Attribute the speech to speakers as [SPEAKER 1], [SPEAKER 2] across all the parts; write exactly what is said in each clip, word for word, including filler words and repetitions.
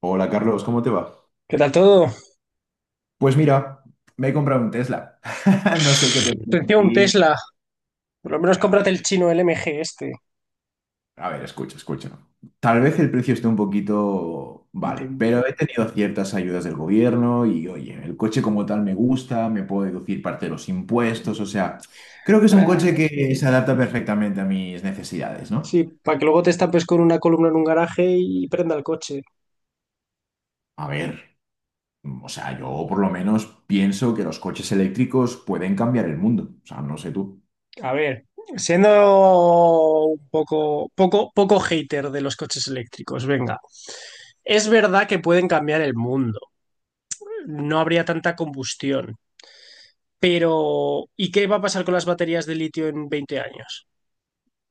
[SPEAKER 1] Hola Carlos, ¿cómo te va?
[SPEAKER 2] ¿Qué tal todo?
[SPEAKER 1] Pues mira, me he comprado un Tesla. No sé qué te parece a
[SPEAKER 2] Sentía un
[SPEAKER 1] ti.
[SPEAKER 2] Tesla. Por lo menos
[SPEAKER 1] Eh, A
[SPEAKER 2] cómprate el
[SPEAKER 1] ver,
[SPEAKER 2] chino L M G este.
[SPEAKER 1] a ver, escucha, escucha. Tal vez el precio esté un poquito. Vale, pero he tenido ciertas ayudas del gobierno y oye, el coche como tal me gusta, me puedo deducir parte de los impuestos, o sea, creo que es un coche
[SPEAKER 2] Para... Sí,
[SPEAKER 1] que
[SPEAKER 2] sí.
[SPEAKER 1] se adapta perfectamente a mis necesidades, ¿no?
[SPEAKER 2] Sí, para que luego te estampes con una columna en un garaje y prenda el coche.
[SPEAKER 1] A ver, o sea, yo por lo menos pienso que los coches eléctricos pueden cambiar el mundo, o sea, no sé tú.
[SPEAKER 2] A ver, siendo un poco, poco, poco hater de los coches eléctricos, venga. Es verdad que pueden cambiar el mundo. No habría tanta combustión. Pero, ¿y qué va a pasar con las baterías de litio en veinte años?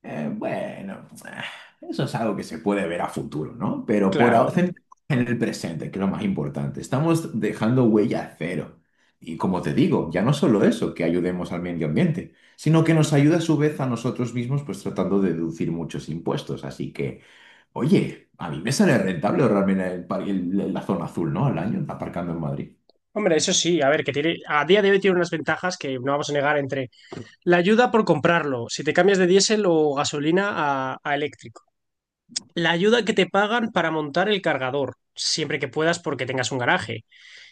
[SPEAKER 1] Eh, bueno, eh, eso es algo que se puede ver a futuro, ¿no? Pero por ahora,
[SPEAKER 2] Claro.
[SPEAKER 1] centrémonos en el presente, que es lo más importante. Estamos dejando huella cero. Y como te digo, ya no solo eso, que ayudemos al medio ambiente, sino que nos ayuda a su vez a nosotros mismos, pues tratando de deducir muchos impuestos. Así que, oye, a mí me sale rentable realmente el, par- el- la zona azul, ¿no? Al año, aparcando en Madrid.
[SPEAKER 2] Hombre, eso sí, a ver, que tiene, a día de hoy tiene unas ventajas que no vamos a negar entre la ayuda por comprarlo, si te cambias de diésel o gasolina a, a eléctrico, la ayuda que te pagan para montar el cargador, siempre que puedas porque tengas un garaje,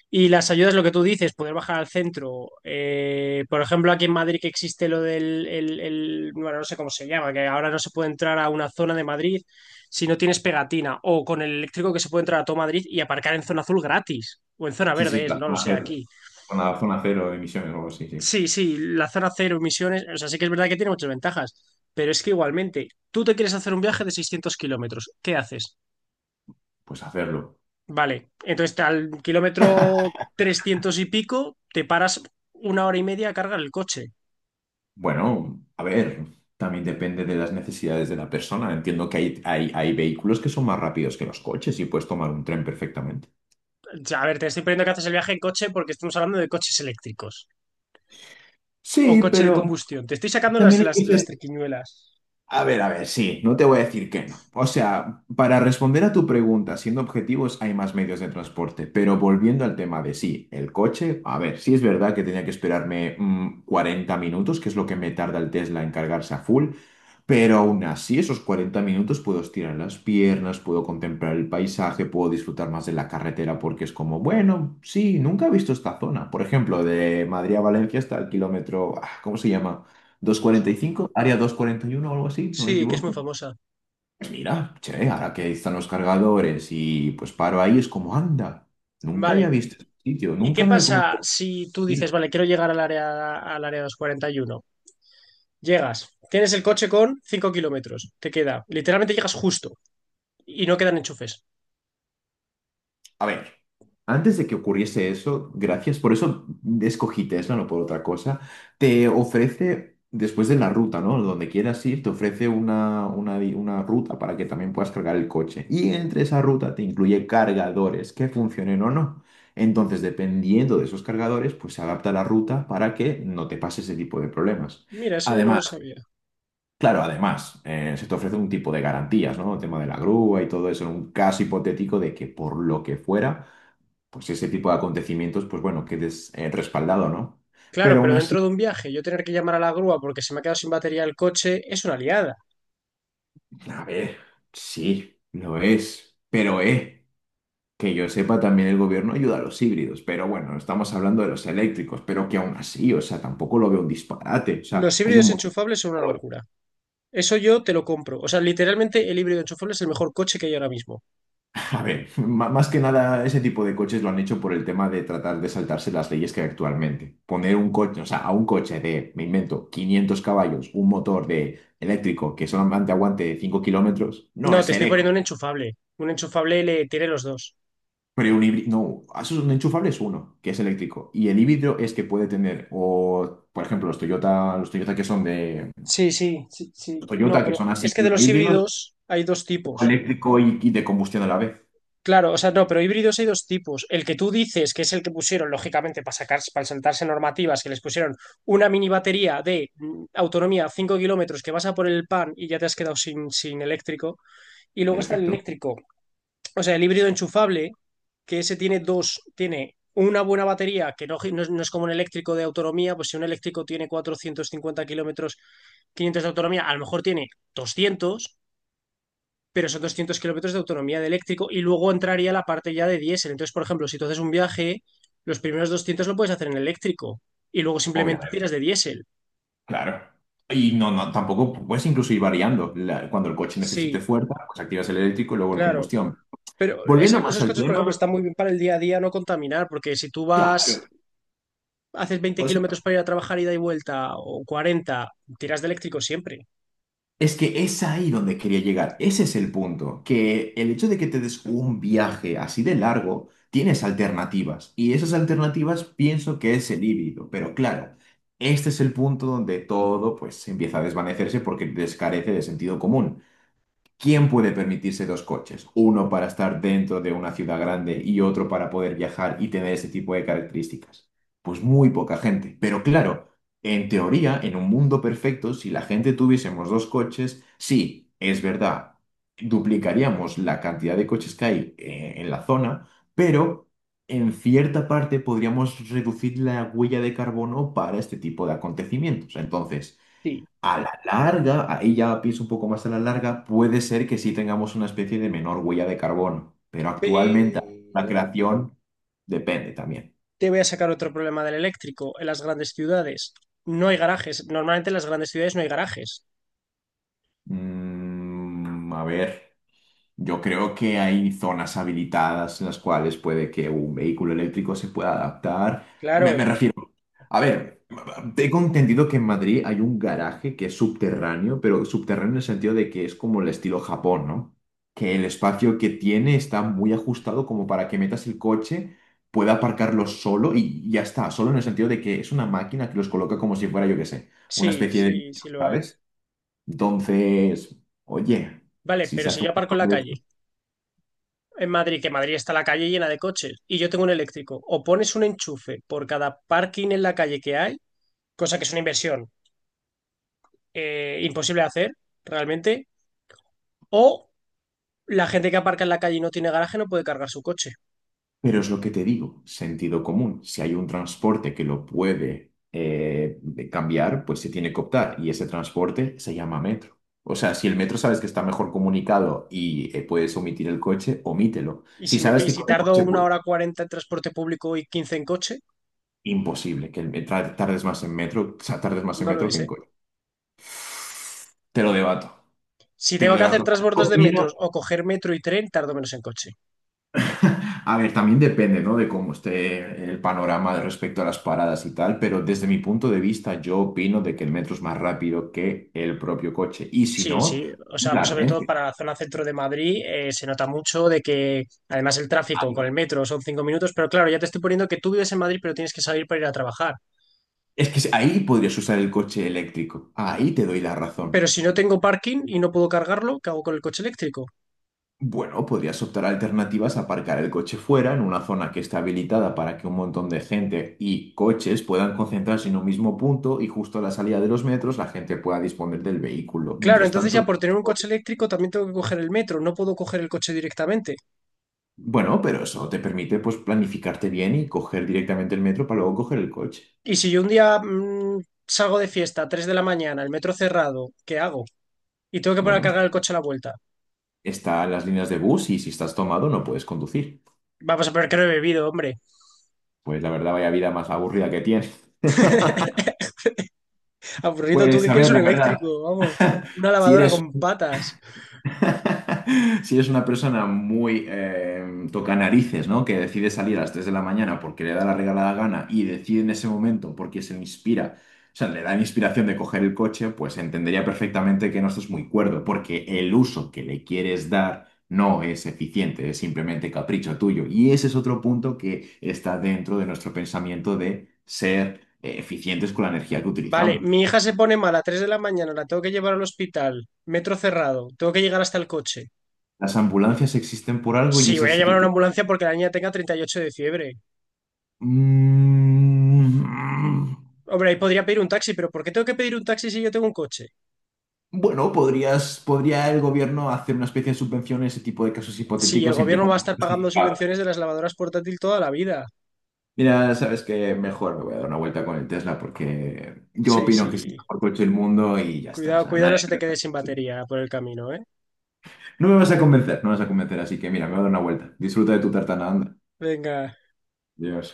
[SPEAKER 2] y las ayudas, lo que tú dices, poder bajar al centro, eh, por ejemplo, aquí en Madrid que existe lo del, el- el- bueno, no sé cómo se llama, que ahora no se puede entrar a una zona de Madrid si no tienes pegatina, o con el eléctrico que se puede entrar a todo Madrid y aparcar en zona azul gratis, o en zona
[SPEAKER 1] Sí, sí,
[SPEAKER 2] verde es,
[SPEAKER 1] la
[SPEAKER 2] no lo
[SPEAKER 1] zona
[SPEAKER 2] sé
[SPEAKER 1] cero.
[SPEAKER 2] aquí.
[SPEAKER 1] Una zona cero de emisiones o algo así, sí.
[SPEAKER 2] Sí, sí, la zona cero emisiones. O sea, sí que es verdad que tiene muchas ventajas, pero es que igualmente, tú te quieres hacer un viaje de seiscientos kilómetros, ¿qué haces?
[SPEAKER 1] Pues hacerlo.
[SPEAKER 2] Vale, entonces al kilómetro trescientos y pico te paras una hora y media a cargar el coche.
[SPEAKER 1] Bueno, a ver, también depende de las necesidades de la persona. Entiendo que hay, hay, hay vehículos que son más rápidos que los coches y puedes tomar un tren perfectamente.
[SPEAKER 2] O sea, a ver, te estoy poniendo que haces el viaje en coche porque estamos hablando de coches eléctricos o
[SPEAKER 1] Sí,
[SPEAKER 2] coche de
[SPEAKER 1] pero
[SPEAKER 2] combustión. Te estoy sacando
[SPEAKER 1] también
[SPEAKER 2] las,
[SPEAKER 1] hay
[SPEAKER 2] las,
[SPEAKER 1] que
[SPEAKER 2] las
[SPEAKER 1] ser.
[SPEAKER 2] triquiñuelas.
[SPEAKER 1] A ver, a ver, sí, no te voy a decir que no. O sea, para responder a tu pregunta, siendo objetivos, hay más medios de transporte, pero volviendo al tema de sí, el coche, a ver, sí es verdad que tenía que esperarme mm, cuarenta minutos, que es lo que me tarda el Tesla en cargarse a full, pero aún así, esos cuarenta minutos puedo estirar las piernas, puedo contemplar el paisaje, puedo disfrutar más de la carretera porque es como, bueno, sí, nunca he visto esta zona. Por ejemplo, de Madrid a Valencia hasta el kilómetro, ah, ¿cómo se llama? Doscientos cuarenta y cinco, área doscientos cuarenta y uno o algo así, no me
[SPEAKER 2] Sí, que es muy
[SPEAKER 1] equivoco.
[SPEAKER 2] famosa.
[SPEAKER 1] Pues mira, che, ahora que están los cargadores y pues paro ahí, es como anda. Nunca había
[SPEAKER 2] Vale,
[SPEAKER 1] visto este sitio,
[SPEAKER 2] ¿y qué
[SPEAKER 1] nunca me había comido
[SPEAKER 2] pasa
[SPEAKER 1] un.
[SPEAKER 2] si tú dices, vale, quiero llegar al área, al área doscientos cuarenta y uno? Llegas, tienes el coche con cinco kilómetros, te queda, literalmente llegas justo y no quedan enchufes.
[SPEAKER 1] A ver, antes de que ocurriese eso, gracias, por eso escogí Tesla, no por otra cosa, te ofrece, después de la ruta, ¿no? Donde quieras ir, te ofrece una, una, di- una ruta para que también puedas cargar el coche. Y entre esa ruta te incluye cargadores que funcionen o no. Entonces, dependiendo de esos cargadores, pues se adapta la ruta para que no te pase ese tipo de problemas.
[SPEAKER 2] Mira, eso yo no lo
[SPEAKER 1] Además,
[SPEAKER 2] sabía.
[SPEAKER 1] claro, además, eh, se te ofrece un tipo de garantías, ¿no? El tema de la grúa y todo eso, en un caso hipotético de que por lo que fuera, pues ese tipo de acontecimientos, pues bueno, quedes eh, respaldado, ¿no?
[SPEAKER 2] Claro,
[SPEAKER 1] Pero aún
[SPEAKER 2] pero dentro de
[SPEAKER 1] así,
[SPEAKER 2] un viaje, yo tener que llamar a la grúa porque se me ha quedado sin batería el coche es una liada.
[SPEAKER 1] a ver, sí, lo es, pero eh, que yo sepa también el gobierno ayuda a los híbridos, pero bueno, estamos hablando de los eléctricos, pero que aún así, o sea, tampoco lo veo un disparate, o
[SPEAKER 2] Los
[SPEAKER 1] sea, hay un
[SPEAKER 2] híbridos
[SPEAKER 1] montón.
[SPEAKER 2] enchufables son una locura. Eso yo te lo compro. O sea, literalmente el híbrido enchufable es el mejor coche que hay ahora mismo.
[SPEAKER 1] A ver, ma- más que nada ese tipo de coches lo han hecho por el tema de tratar de saltarse las leyes que hay actualmente. Poner un coche, o sea, a un coche de, me invento, quinientos caballos, un motor de eléctrico que solamente aguante cinco kilómetros, no
[SPEAKER 2] No,
[SPEAKER 1] es
[SPEAKER 2] te
[SPEAKER 1] ser
[SPEAKER 2] estoy
[SPEAKER 1] eco.
[SPEAKER 2] poniendo un enchufable. Un enchufable le tiene los dos.
[SPEAKER 1] Pero un híbrido, no, eso es un enchufable es uno, que es eléctrico. Y el híbrido es que puede tener, o por ejemplo, los Toyota, los Toyota que son de
[SPEAKER 2] Sí, sí, sí, sí. No,
[SPEAKER 1] Toyota, que
[SPEAKER 2] pero
[SPEAKER 1] son
[SPEAKER 2] es
[SPEAKER 1] así,
[SPEAKER 2] que de
[SPEAKER 1] uno
[SPEAKER 2] los
[SPEAKER 1] híbridos,
[SPEAKER 2] híbridos hay dos
[SPEAKER 1] o
[SPEAKER 2] tipos.
[SPEAKER 1] eléctrico y y de combustión a la vez,
[SPEAKER 2] Claro, o sea, no, pero híbridos hay dos tipos. El que tú dices, que es el que pusieron, lógicamente, para sacar, para saltarse normativas, que les pusieron una mini batería de mm, autonomía cinco kilómetros, que vas a por el pan y ya te has quedado sin, sin eléctrico. Y luego
[SPEAKER 1] en
[SPEAKER 2] está el
[SPEAKER 1] efecto.
[SPEAKER 2] eléctrico, o sea, el híbrido enchufable, que ese tiene dos, tiene una buena batería, que no, no es, no es como un eléctrico de autonomía, pues si un eléctrico tiene cuatrocientos cincuenta kilómetros, quinientos de autonomía, a lo mejor tiene doscientos, pero son doscientos kilómetros de autonomía de eléctrico y luego entraría la parte ya de diésel. Entonces, por ejemplo, si tú haces un viaje, los primeros doscientos lo puedes hacer en eléctrico y luego simplemente tiras de diésel.
[SPEAKER 1] Claro. Y no, no, tampoco puedes incluso ir variando. La- cuando el coche necesite
[SPEAKER 2] Sí,
[SPEAKER 1] fuerza, pues activas el eléctrico y luego el
[SPEAKER 2] claro.
[SPEAKER 1] combustión.
[SPEAKER 2] Pero
[SPEAKER 1] Volviendo
[SPEAKER 2] ese-
[SPEAKER 1] más
[SPEAKER 2] esos
[SPEAKER 1] al
[SPEAKER 2] coches, por ejemplo,
[SPEAKER 1] tema,
[SPEAKER 2] están muy bien para el día a día no contaminar, porque si tú
[SPEAKER 1] claro.
[SPEAKER 2] vas, haces veinte
[SPEAKER 1] O sea,
[SPEAKER 2] kilómetros para ir a trabajar ida y vuelta, o cuarenta, tiras de eléctrico siempre.
[SPEAKER 1] es que es ahí donde quería llegar. Ese es el punto. Que el hecho de que te des un viaje así de largo, tienes alternativas. Y esas alternativas pienso que es el híbrido. Pero claro, este es el punto donde todo pues empieza a desvanecerse porque descarece de sentido común. ¿Quién puede permitirse dos coches? Uno para estar dentro de una ciudad grande y otro para poder viajar y tener ese tipo de características. Pues muy poca gente. Pero claro, en teoría, en un mundo perfecto, si la gente tuviésemos dos coches, sí, es verdad, duplicaríamos la cantidad de coches que hay eh, en la zona, pero en cierta parte podríamos reducir la huella de carbono para este tipo de acontecimientos. Entonces…
[SPEAKER 2] Sí.
[SPEAKER 1] A la larga, ahí ya pienso un poco más a la larga, puede ser que sí tengamos una especie de menor huella de carbono, pero actualmente la
[SPEAKER 2] Pero
[SPEAKER 1] creación depende también.
[SPEAKER 2] te voy a sacar otro problema del eléctrico en las grandes ciudades. No hay garajes. Normalmente en las grandes ciudades no hay garajes.
[SPEAKER 1] Mm, a ver, yo creo que hay zonas habilitadas en las cuales puede que un vehículo eléctrico se pueda adaptar. Me, me
[SPEAKER 2] Claro.
[SPEAKER 1] refiero A ver, tengo entendido que en Madrid hay un garaje que es subterráneo, pero subterráneo en el sentido de que es como el estilo Japón, ¿no? Que el espacio que tiene está muy ajustado como para que metas el coche, pueda aparcarlo solo y ya está, solo en el sentido de que es una máquina que los coloca como si fuera, yo qué sé, una
[SPEAKER 2] Sí,
[SPEAKER 1] especie de
[SPEAKER 2] sí,
[SPEAKER 1] nicho,
[SPEAKER 2] sí lo hay.
[SPEAKER 1] ¿sabes? Entonces, oye,
[SPEAKER 2] Vale,
[SPEAKER 1] si
[SPEAKER 2] pero
[SPEAKER 1] se
[SPEAKER 2] si
[SPEAKER 1] hace
[SPEAKER 2] yo
[SPEAKER 1] un
[SPEAKER 2] aparco en la calle,
[SPEAKER 1] montón.
[SPEAKER 2] en Madrid, que Madrid está la calle llena de coches, y yo tengo un eléctrico, o pones un enchufe por cada parking en la calle que hay, cosa que es una inversión eh, imposible de hacer, realmente, o la gente que aparca en la calle y no tiene garaje no puede cargar su coche.
[SPEAKER 1] Pero es lo que te digo, sentido común. Si hay un transporte que lo puede eh, cambiar, pues se tiene que optar. Y ese transporte se llama metro. O sea, si el metro sabes que está mejor comunicado y eh, puedes omitir el coche, omítelo.
[SPEAKER 2] Y
[SPEAKER 1] Si
[SPEAKER 2] si me,
[SPEAKER 1] sabes
[SPEAKER 2] ¿y
[SPEAKER 1] que
[SPEAKER 2] si
[SPEAKER 1] con el
[SPEAKER 2] tardo
[SPEAKER 1] coche,
[SPEAKER 2] una
[SPEAKER 1] pues,
[SPEAKER 2] hora cuarenta en transporte público y quince en coche?
[SPEAKER 1] imposible, que el me- tardes más en metro, o sea, tardes más en
[SPEAKER 2] No lo
[SPEAKER 1] metro que
[SPEAKER 2] es,
[SPEAKER 1] en
[SPEAKER 2] ¿eh?
[SPEAKER 1] coche. Te lo debato.
[SPEAKER 2] Si
[SPEAKER 1] Te lo
[SPEAKER 2] tengo que hacer
[SPEAKER 1] debato.
[SPEAKER 2] transbordos de metros o coger metro y tren, tardo menos en coche.
[SPEAKER 1] A ver, también depende, ¿no? De cómo esté el panorama de respecto a las paradas y tal, pero desde mi punto de vista yo opino de que el metro es más rápido que el propio coche. Y si
[SPEAKER 2] Sí,
[SPEAKER 1] no,
[SPEAKER 2] sí, o sea,
[SPEAKER 1] la
[SPEAKER 2] pues sobre todo para
[SPEAKER 1] Renfe.
[SPEAKER 2] la zona centro de Madrid eh, se nota mucho de que además el tráfico con
[SPEAKER 1] Ay,
[SPEAKER 2] el metro son cinco minutos, pero claro, ya te estoy poniendo que tú vives en Madrid pero tienes que salir para ir a trabajar.
[SPEAKER 1] es que ahí podrías usar el coche eléctrico. Ahí te doy la razón.
[SPEAKER 2] Pero si no tengo parking y no puedo cargarlo, ¿qué hago con el coche eléctrico?
[SPEAKER 1] Bueno, podrías optar a alternativas a aparcar el coche fuera, en una zona que está habilitada para que un montón de gente y coches puedan concentrarse en un mismo punto y justo a la salida de los metros la gente pueda disponer del vehículo.
[SPEAKER 2] Claro,
[SPEAKER 1] Mientras
[SPEAKER 2] entonces
[SPEAKER 1] tanto…
[SPEAKER 2] ya por tener un coche eléctrico también tengo que coger el metro, no puedo coger el coche directamente.
[SPEAKER 1] Bueno, pero eso te permite pues planificarte bien y coger directamente el metro para luego coger el coche.
[SPEAKER 2] Y si yo un día mm, salgo de fiesta a tres de la mañana, el metro cerrado, ¿qué hago? Y tengo que poner a
[SPEAKER 1] Bueno,
[SPEAKER 2] cargar el coche a la vuelta.
[SPEAKER 1] están las líneas de bus y si estás tomado no puedes conducir.
[SPEAKER 2] Vamos a ver que no he bebido, hombre.
[SPEAKER 1] Pues la verdad, vaya vida más aburrida que tienes.
[SPEAKER 2] Aburrido, ¿tú
[SPEAKER 1] Pues
[SPEAKER 2] qué
[SPEAKER 1] a
[SPEAKER 2] quieres,
[SPEAKER 1] ver,
[SPEAKER 2] un
[SPEAKER 1] la verdad,
[SPEAKER 2] eléctrico? Vamos, una
[SPEAKER 1] si
[SPEAKER 2] lavadora
[SPEAKER 1] eres,
[SPEAKER 2] con patas.
[SPEAKER 1] si es una persona muy eh, toca narices, ¿no? Que decide salir a las tres de la mañana porque le da la regalada gana y decide en ese momento porque se le inspira, o sea, le da la inspiración de coger el coche, pues entendería perfectamente que no estás muy cuerdo, porque el uso que le quieres dar no es eficiente, es simplemente capricho tuyo. Y ese es otro punto que está dentro de nuestro pensamiento de ser eh, eficientes con la energía que
[SPEAKER 2] Vale,
[SPEAKER 1] utilizamos.
[SPEAKER 2] mi hija se pone mala a tres de la mañana, la tengo que llevar al hospital, metro cerrado, tengo que llegar hasta el coche.
[SPEAKER 1] Las ambulancias existen por algo y
[SPEAKER 2] Sí, voy
[SPEAKER 1] eso
[SPEAKER 2] a
[SPEAKER 1] sí
[SPEAKER 2] llamar a
[SPEAKER 1] que.
[SPEAKER 2] una ambulancia porque la niña tenga treinta y ocho de fiebre.
[SPEAKER 1] Mm,
[SPEAKER 2] Hombre, ahí podría pedir un taxi, pero ¿por qué tengo que pedir un taxi si yo tengo un coche?
[SPEAKER 1] Bueno, podrías, podría el gobierno hacer una especie de subvención en ese tipo de casos
[SPEAKER 2] Sí, el
[SPEAKER 1] hipotéticos siempre y
[SPEAKER 2] gobierno va a
[SPEAKER 1] cuando sea
[SPEAKER 2] estar pagando
[SPEAKER 1] justificado.
[SPEAKER 2] subvenciones de las lavadoras portátil toda la vida.
[SPEAKER 1] Mira, sabes que mejor me voy a dar una vuelta con el Tesla porque yo
[SPEAKER 2] Sí,
[SPEAKER 1] opino que es el
[SPEAKER 2] sí.
[SPEAKER 1] mejor coche del mundo y ya está. O
[SPEAKER 2] Cuidado,
[SPEAKER 1] sea,
[SPEAKER 2] cuidado, no
[SPEAKER 1] nadie-
[SPEAKER 2] se te
[SPEAKER 1] me-
[SPEAKER 2] quede sin batería por el camino, ¿eh?
[SPEAKER 1] No me vas a convencer, no me vas a convencer, así que mira, me voy a dar una vuelta. Disfruta de tu tartana, anda.
[SPEAKER 2] Venga.
[SPEAKER 1] Adiós.